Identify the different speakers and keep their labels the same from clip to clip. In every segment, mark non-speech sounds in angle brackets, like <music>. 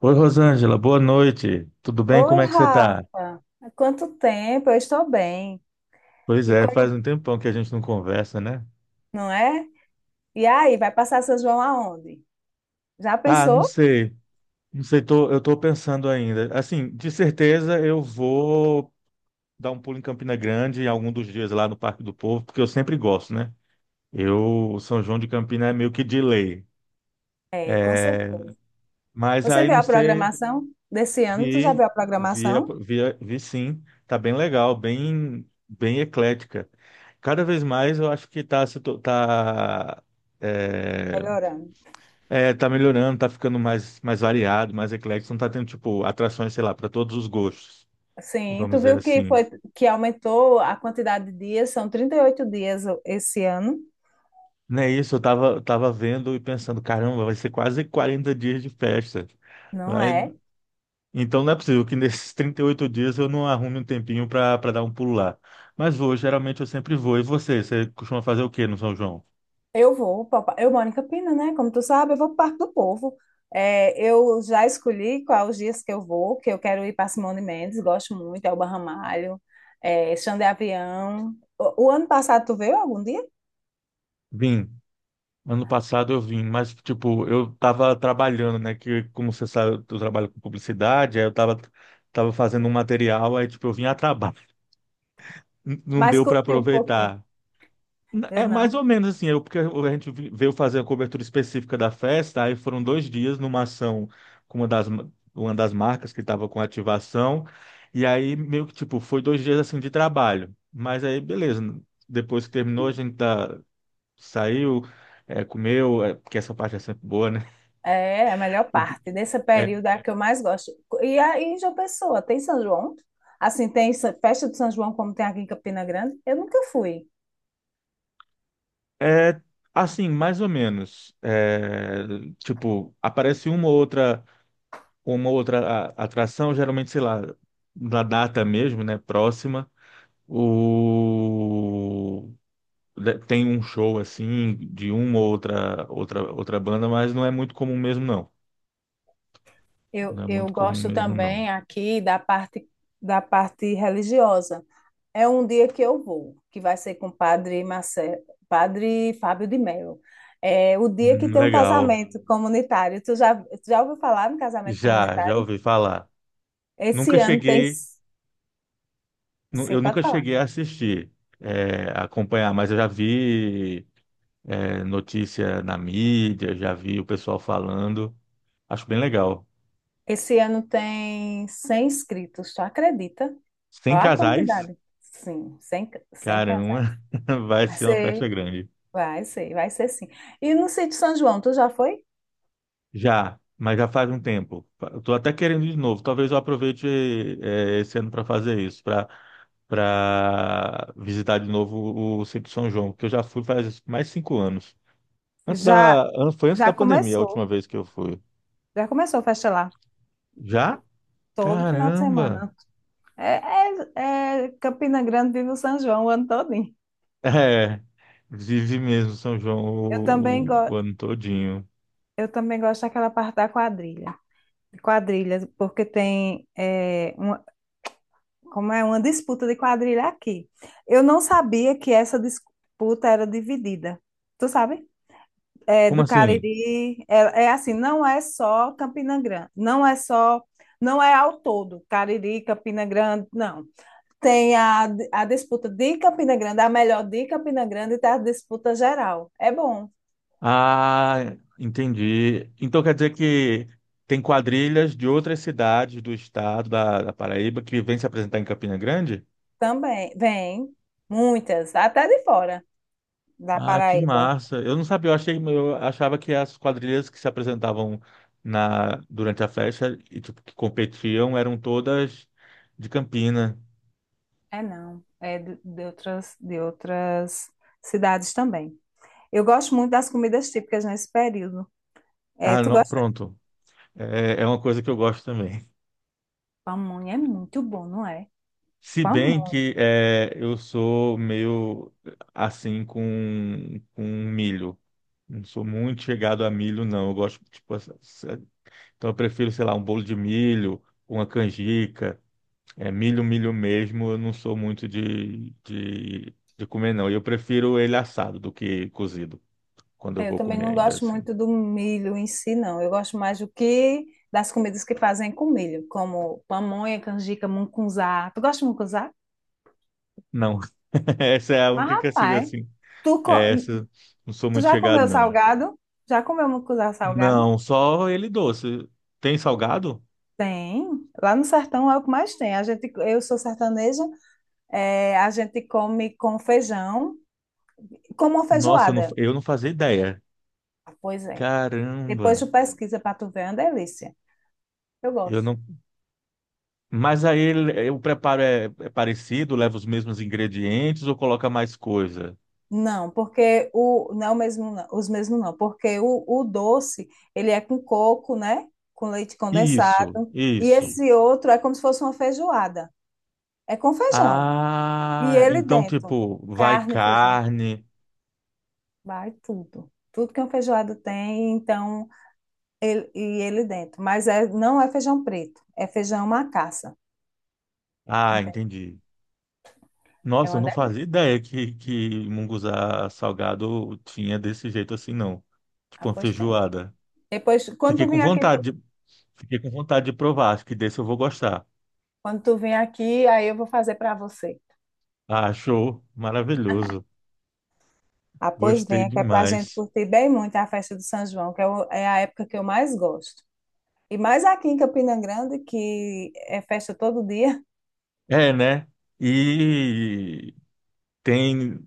Speaker 1: Oi, Rosângela, boa noite. Tudo bem?
Speaker 2: Oi,
Speaker 1: Como é que você tá?
Speaker 2: Rafa. Há quanto tempo? Eu estou bem.
Speaker 1: Pois
Speaker 2: E
Speaker 1: é, faz
Speaker 2: como,
Speaker 1: um tempão que a gente não conversa, né?
Speaker 2: não é? E aí, vai passar São João aonde? Já
Speaker 1: Ah, não
Speaker 2: pensou?
Speaker 1: sei. Não sei, eu tô pensando ainda. Assim, de certeza eu vou dar um pulo em Campina Grande em algum dos dias lá no Parque do Povo, porque eu sempre gosto, né? Eu, São João de Campina é meio que de lei.
Speaker 2: É, com certeza.
Speaker 1: Mas
Speaker 2: Você
Speaker 1: aí
Speaker 2: viu
Speaker 1: não
Speaker 2: a
Speaker 1: sei,
Speaker 2: programação desse ano? Tu já
Speaker 1: vi,
Speaker 2: viu a
Speaker 1: vi,
Speaker 2: programação?
Speaker 1: vi sim. Tá bem legal, bem eclética. Cada vez mais eu acho que tá, se to- tá, é,
Speaker 2: Melhorando.
Speaker 1: é, tá melhorando, tá ficando mais variado, mais eclético, não tá tendo, tipo, atrações, sei lá, para todos os gostos,
Speaker 2: Sim, tu
Speaker 1: vamos dizer
Speaker 2: viu que
Speaker 1: assim.
Speaker 2: foi que aumentou a quantidade de dias, são 38 dias esse ano,
Speaker 1: Não é isso, tava vendo e pensando, caramba, vai ser quase 40 dias de festa.
Speaker 2: não
Speaker 1: Vai-
Speaker 2: é?
Speaker 1: Então não é possível que nesses <laughs> 38 dias eu não arrume um tempinho para dar um pulo lá. Mas vou, geralmente eu sempre vou. E você costuma fazer o quê no São João?
Speaker 2: Eu vou, papai. Eu moro em Campina, né? Como tu sabe, eu vou para o Parque do Povo. É, eu já escolhi quais os dias que eu vou, que eu quero ir para Simone Mendes, gosto muito, Elba Ramalho, Xande de Avião. O ano passado tu veio algum dia?
Speaker 1: Vim. Ano passado eu vim, mas, tipo, eu tava trabalhando, né? Que, como você sabe, eu trabalho com publicidade, tava fazendo um material, aí, tipo, eu vim a trabalho. <laughs> Não
Speaker 2: Mas
Speaker 1: deu para
Speaker 2: curti um pouquinho.
Speaker 1: aproveitar.
Speaker 2: Eu
Speaker 1: É
Speaker 2: não.
Speaker 1: mais ou menos assim, eu, porque a gente vi- veio fazer a cobertura específica da festa, aí foram dois dias numa ação com uma uma das marcas que estava com ativação, e aí meio que, tipo, foi dois dias, assim, de trabalho. Mas aí, beleza, depois que terminou, saiu, comeu, é, porque essa parte é sempre boa, né?
Speaker 2: É a melhor
Speaker 1: O que-
Speaker 2: parte desse
Speaker 1: É,
Speaker 2: período é a que eu mais gosto. E aí, em João Pessoa, tem São João? Assim, tem essa festa de São João como tem aqui em Campina Grande? Eu nunca fui.
Speaker 1: é assim, mais ou menos. É, tipo, aparece uma ou outra atração, geralmente, sei lá, da data mesmo, né? Próxima. O... Tem um show assim de uma ou outra banda, mas não é muito comum mesmo, não. Não
Speaker 2: Eu,
Speaker 1: é
Speaker 2: eu
Speaker 1: muito comum
Speaker 2: gosto
Speaker 1: mesmo, não.
Speaker 2: também aqui da parte religiosa. É um dia que eu vou, que vai ser com o padre Marcelo, padre Fábio de Mello. É o dia que tem um
Speaker 1: Legal.
Speaker 2: casamento comunitário. Tu já ouviu falar no casamento
Speaker 1: Já, já
Speaker 2: comunitário?
Speaker 1: ouvi falar. Nunca
Speaker 2: Esse ano tem.
Speaker 1: cheguei, nu-
Speaker 2: Sim,
Speaker 1: Eu
Speaker 2: pode
Speaker 1: nunca
Speaker 2: falar.
Speaker 1: cheguei a assistir, a acompanhar, mas eu já vi. É, notícia na mídia, já vi o pessoal falando. Acho bem legal.
Speaker 2: Esse ano tem 100 inscritos, tu acredita?
Speaker 1: Sem
Speaker 2: Olha a
Speaker 1: casais,
Speaker 2: quantidade. Sim, 100, 100 casais.
Speaker 1: caramba, <laughs> vai
Speaker 2: Vai
Speaker 1: ser uma festa
Speaker 2: ser,
Speaker 1: grande.
Speaker 2: Vai ser sim. E no sítio São João, tu já foi?
Speaker 1: Já, mas já faz um tempo. Eu tô até querendo ir de novo. Talvez eu aproveite esse ano para fazer isso, para visitar de novo o Sítio São João, porque eu já fui faz mais 5 anos.
Speaker 2: Já.
Speaker 1: Foi antes da
Speaker 2: Já
Speaker 1: pandemia a última
Speaker 2: começou.
Speaker 1: vez que eu fui.
Speaker 2: Já começou a festa lá.
Speaker 1: Já?
Speaker 2: Todo final de
Speaker 1: Caramba!
Speaker 2: semana. É, é Campina Grande, vive o São João o ano todinho.
Speaker 1: <laughs> É, vive mesmo São João
Speaker 2: Eu também,
Speaker 1: o
Speaker 2: go
Speaker 1: ano todinho.
Speaker 2: eu também gosto daquela parte da quadrilha. Quadrilha, porque tem é, uma, como é uma disputa de quadrilha aqui. Eu não sabia que essa disputa era dividida. Tu sabe? É,
Speaker 1: Como
Speaker 2: do
Speaker 1: assim?
Speaker 2: Cariri, é assim, não é só Campina Grande, não é ao todo, Cariri, Campina Grande, não. Tem a, a disputa de Campina Grande, a melhor de Campina Grande, e tá a disputa geral. É bom
Speaker 1: Ah, entendi. Então quer dizer que tem quadrilhas de outras cidades do estado da Paraíba que vêm se apresentar em Campina Grande?
Speaker 2: também. Vem muitas, até de fora da
Speaker 1: Ah, que
Speaker 2: Paraíba.
Speaker 1: massa. Eu não sabia, eu achei, eu achava que as quadrilhas que se apresentavam durante a festa e tipo, que competiam eram todas de Campina.
Speaker 2: É não, é de outras cidades também. Eu gosto muito das comidas típicas nesse período. É, tu gosta?
Speaker 1: Pronto. É, é uma coisa que eu gosto também.
Speaker 2: Pamonha é muito bom, não é?
Speaker 1: Se bem
Speaker 2: Pamonha.
Speaker 1: que é, eu sou meio assim com milho. Não sou muito chegado a milho, não. Eu gosto, tipo, assim, então eu prefiro, sei lá, um bolo de milho, uma canjica. É, milho mesmo, eu não sou muito de comer, não. E eu prefiro ele assado do que cozido, quando eu
Speaker 2: É, eu
Speaker 1: vou
Speaker 2: também
Speaker 1: comer
Speaker 2: não
Speaker 1: ainda
Speaker 2: gosto
Speaker 1: assim.
Speaker 2: muito do milho em si, não. Eu gosto mais do que das comidas que fazem com milho, como pamonha, canjica, mungunzá. Tu gosta de mungunzá?
Speaker 1: Não, <laughs> essa é a
Speaker 2: Mas,
Speaker 1: única que eu sigo
Speaker 2: rapaz,
Speaker 1: assim.
Speaker 2: tu, co-
Speaker 1: É, essa, não sou
Speaker 2: tu
Speaker 1: muito
Speaker 2: já
Speaker 1: chegado,
Speaker 2: comeu
Speaker 1: não.
Speaker 2: salgado? Já comeu mucuzá salgado?
Speaker 1: Não, só ele doce. Tem salgado?
Speaker 2: Tem. Lá no sertão é o que mais tem. A gente, eu sou sertaneja, a gente come com feijão, como uma
Speaker 1: Nossa,
Speaker 2: feijoada.
Speaker 1: eu não fazia ideia.
Speaker 2: Ah, pois é. Depois
Speaker 1: Caramba,
Speaker 2: tu pesquisa para tu ver, é uma delícia. Eu
Speaker 1: eu
Speaker 2: gosto.
Speaker 1: não. Mas aí o preparo é parecido, leva os mesmos ingredientes ou coloca mais coisa?
Speaker 2: Não, porque o não é o mesmo não, os mesmos não, porque o doce, ele é com coco, né? Com leite
Speaker 1: Isso,
Speaker 2: condensado, e sim,
Speaker 1: isso.
Speaker 2: esse outro é como se fosse uma feijoada. É com feijão. E
Speaker 1: Ah,
Speaker 2: ele
Speaker 1: então
Speaker 2: dentro,
Speaker 1: tipo, vai
Speaker 2: carne, feijão,
Speaker 1: carne.
Speaker 2: vai tudo. Tudo que um feijoado tem, então, ele dentro. Mas é, não é feijão preto, é feijão macaça.
Speaker 1: Ah,
Speaker 2: Entende?
Speaker 1: entendi.
Speaker 2: É
Speaker 1: Nossa, eu
Speaker 2: uma
Speaker 1: não fazia
Speaker 2: delícia,
Speaker 1: ideia que munguzá salgado tinha desse jeito assim, não. Tipo uma
Speaker 2: apostendo.
Speaker 1: feijoada.
Speaker 2: Depois,
Speaker 1: Fiquei com vontade de, Fiquei com vontade de provar. Acho que desse eu vou gostar.
Speaker 2: quando tu vir aqui, aí eu vou fazer para você.
Speaker 1: Ah, show, maravilhoso.
Speaker 2: Ah, pois
Speaker 1: Gostei
Speaker 2: venha, que é para a gente
Speaker 1: demais.
Speaker 2: curtir bem muito a festa do São João, é a época que eu mais gosto. E mais aqui em Campina Grande, que é festa todo dia.
Speaker 1: É, né? E tem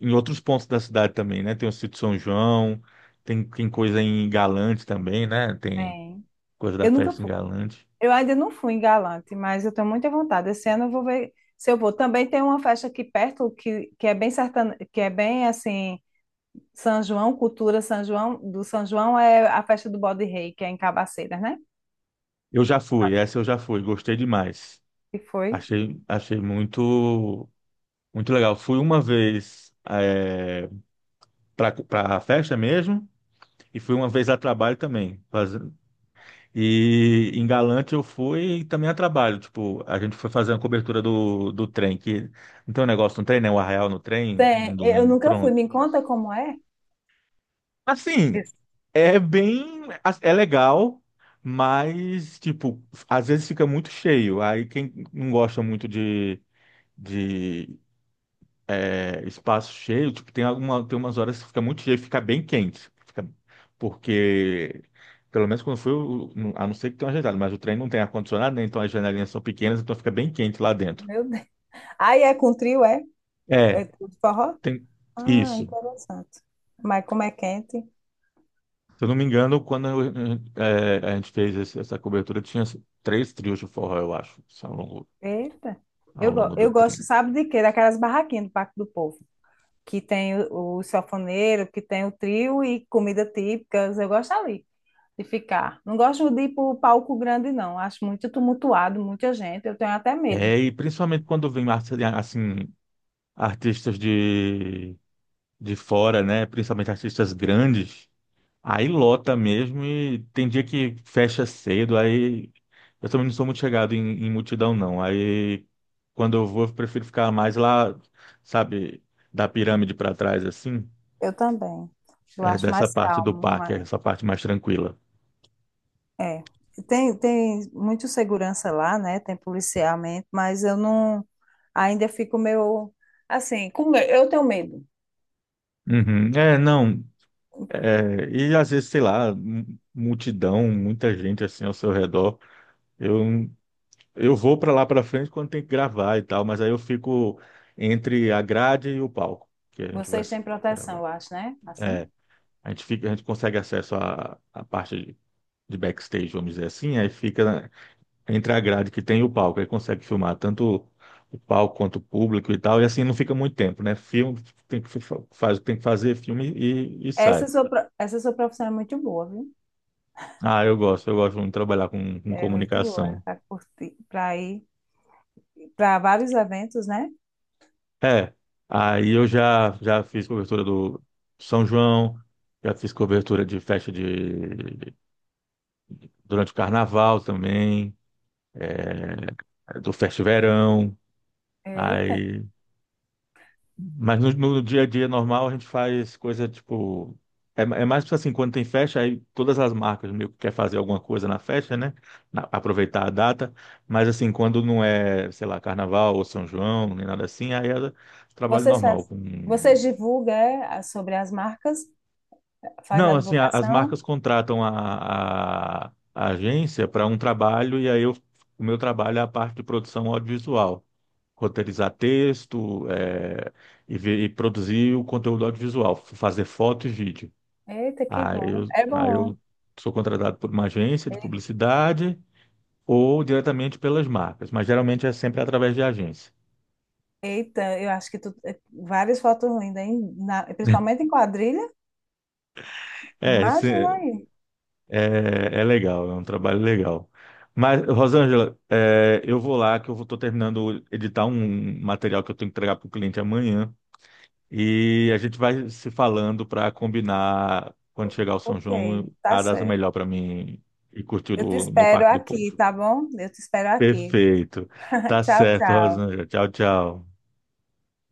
Speaker 1: em outros pontos da cidade também, né? Tem o Sítio São João, tem coisa em Galante também, né? Tem
Speaker 2: Tem.
Speaker 1: coisa da
Speaker 2: Eu nunca
Speaker 1: festa em
Speaker 2: fui.
Speaker 1: Galante.
Speaker 2: Eu ainda não fui em Galante, mas eu tenho muita vontade. Esse ano eu vou ver se eu vou. Também tem uma festa aqui perto que é bem sertane... que é bem assim, São João, cultura São João, do São João é a festa do Bode Rei, que é em Cabaceiras, né?
Speaker 1: Eu já fui, essa eu já fui, gostei demais.
Speaker 2: Que foi.
Speaker 1: Achei muito legal. Fui uma vez, para a festa mesmo. E fui uma vez a trabalho também. E em Galante eu fui também a trabalho. Tipo, a gente foi fazer uma cobertura do trem, que não tem um negócio no trem, né? O arraial no trem, num
Speaker 2: Tem, eu
Speaker 1: domingo,
Speaker 2: nunca fui.
Speaker 1: pronto.
Speaker 2: Me conta como é?
Speaker 1: Assim,
Speaker 2: Isso.
Speaker 1: é bem, é legal, mas, tipo, às vezes fica muito cheio. Aí quem não gosta muito de espaço cheio, tipo, tem umas horas que fica muito cheio, fica bem quente. Porque, Pelo menos quando foi, a não ser que tenha uma janela, mas o trem não tem ar-condicionado, né? Então as janelinhas são pequenas, então fica bem quente lá dentro.
Speaker 2: Meu Deus. Aí é com trio, é?
Speaker 1: É,
Speaker 2: É tudo forró?
Speaker 1: tem
Speaker 2: Ah,
Speaker 1: isso.
Speaker 2: interessante. Mas como é quente?
Speaker 1: Se eu não me engano, a gente fez essa cobertura, tinha três trios de forró, eu acho,
Speaker 2: Eita.
Speaker 1: ao longo do
Speaker 2: Eu gosto,
Speaker 1: trem.
Speaker 2: sabe de quê? Daquelas barraquinhas do Parque do Povo, que tem o sanfoneiro, que tem o trio e comida típicas. Eu gosto ali de ficar. Não gosto de ir para o palco grande, não. Acho muito tumultuado, muita gente. Eu tenho até medo.
Speaker 1: É, e principalmente quando vem assim, artistas de fora, né? Principalmente artistas grandes. Aí lota mesmo e tem dia que fecha cedo, aí eu também não sou muito chegado em multidão, não. Aí quando eu vou, eu prefiro ficar mais lá, sabe, da pirâmide para trás, assim,
Speaker 2: Eu também. Eu
Speaker 1: é,
Speaker 2: acho
Speaker 1: dessa
Speaker 2: mais
Speaker 1: parte do
Speaker 2: calmo.
Speaker 1: parque, é
Speaker 2: ma-
Speaker 1: essa parte mais tranquila.
Speaker 2: É. Tem muito segurança lá, né? Tem policiamento, mas eu não. Ainda fico meio. Assim, eu tenho medo.
Speaker 1: Uhum. É, não, É, e às vezes, sei lá, multidão, muita gente assim ao seu redor. Eu, eu vou para lá para frente quando tem que gravar e tal, mas aí eu fico entre a grade e o palco, que a gente vai
Speaker 2: Vocês têm proteção,
Speaker 1: gravar.
Speaker 2: eu acho, né? Assim.
Speaker 1: É, a gente consegue acesso à parte de backstage, vamos dizer assim, aí entre a grade que tem e o palco, aí consegue filmar tanto o palco quanto o público e tal, e assim não fica muito tempo, né? Filme tem que fazer filme e sai.
Speaker 2: Essa sua profissão é muito boa, viu?
Speaker 1: Ah, eu gosto muito de trabalhar com
Speaker 2: É muito boa
Speaker 1: comunicação.
Speaker 2: para curtir, para ir, para vários eventos, né?
Speaker 1: É, aí eu já já fiz cobertura do São João, já fiz cobertura de festa de durante o carnaval também, do Festa Verão.
Speaker 2: Eita.
Speaker 1: Aí mas no dia a dia normal a gente faz coisa tipo. É, é mais tipo assim, quando tem festa, aí todas as marcas meio que quer fazer alguma coisa na festa, né? Aproveitar a data. Mas assim, quando não é, sei lá, carnaval ou São João, nem nada assim, aí é trabalho
Speaker 2: Vocês,
Speaker 1: normal,
Speaker 2: faz-
Speaker 1: com.
Speaker 2: vocês divulgam sobre as marcas, faz
Speaker 1: Não,
Speaker 2: a
Speaker 1: assim, as
Speaker 2: divulgação.
Speaker 1: marcas contratam a agência para um trabalho e aí eu, o meu trabalho é a parte de produção audiovisual, roteirizar texto, e produzir o conteúdo audiovisual, fazer foto e vídeo.
Speaker 2: Eita, que bom. É
Speaker 1: Aí
Speaker 2: bom.
Speaker 1: eu sou contratado por uma agência de publicidade ou diretamente pelas marcas, mas geralmente é sempre através de agência.
Speaker 2: Eita, eu acho que tu várias fotos lindas, hein? Principalmente em
Speaker 1: <laughs>
Speaker 2: quadrilha.
Speaker 1: É,
Speaker 2: Imagina aí.
Speaker 1: é é legal, é um trabalho legal. Mas, Rosângela, é, eu vou lá que eu estou terminando de editar um material que eu tenho que entregar para o cliente amanhã e a gente vai se falando para combinar quando chegar o São
Speaker 2: Ok,
Speaker 1: João
Speaker 2: tá
Speaker 1: a data
Speaker 2: certo.
Speaker 1: melhor para mim e curtir
Speaker 2: Eu te
Speaker 1: no
Speaker 2: espero
Speaker 1: Parque do
Speaker 2: aqui,
Speaker 1: Povo.
Speaker 2: tá bom? Eu te espero aqui.
Speaker 1: Perfeito.
Speaker 2: <laughs>
Speaker 1: Tá
Speaker 2: Tchau,
Speaker 1: certo,
Speaker 2: tchau.
Speaker 1: Rosângela. Tchau, tchau.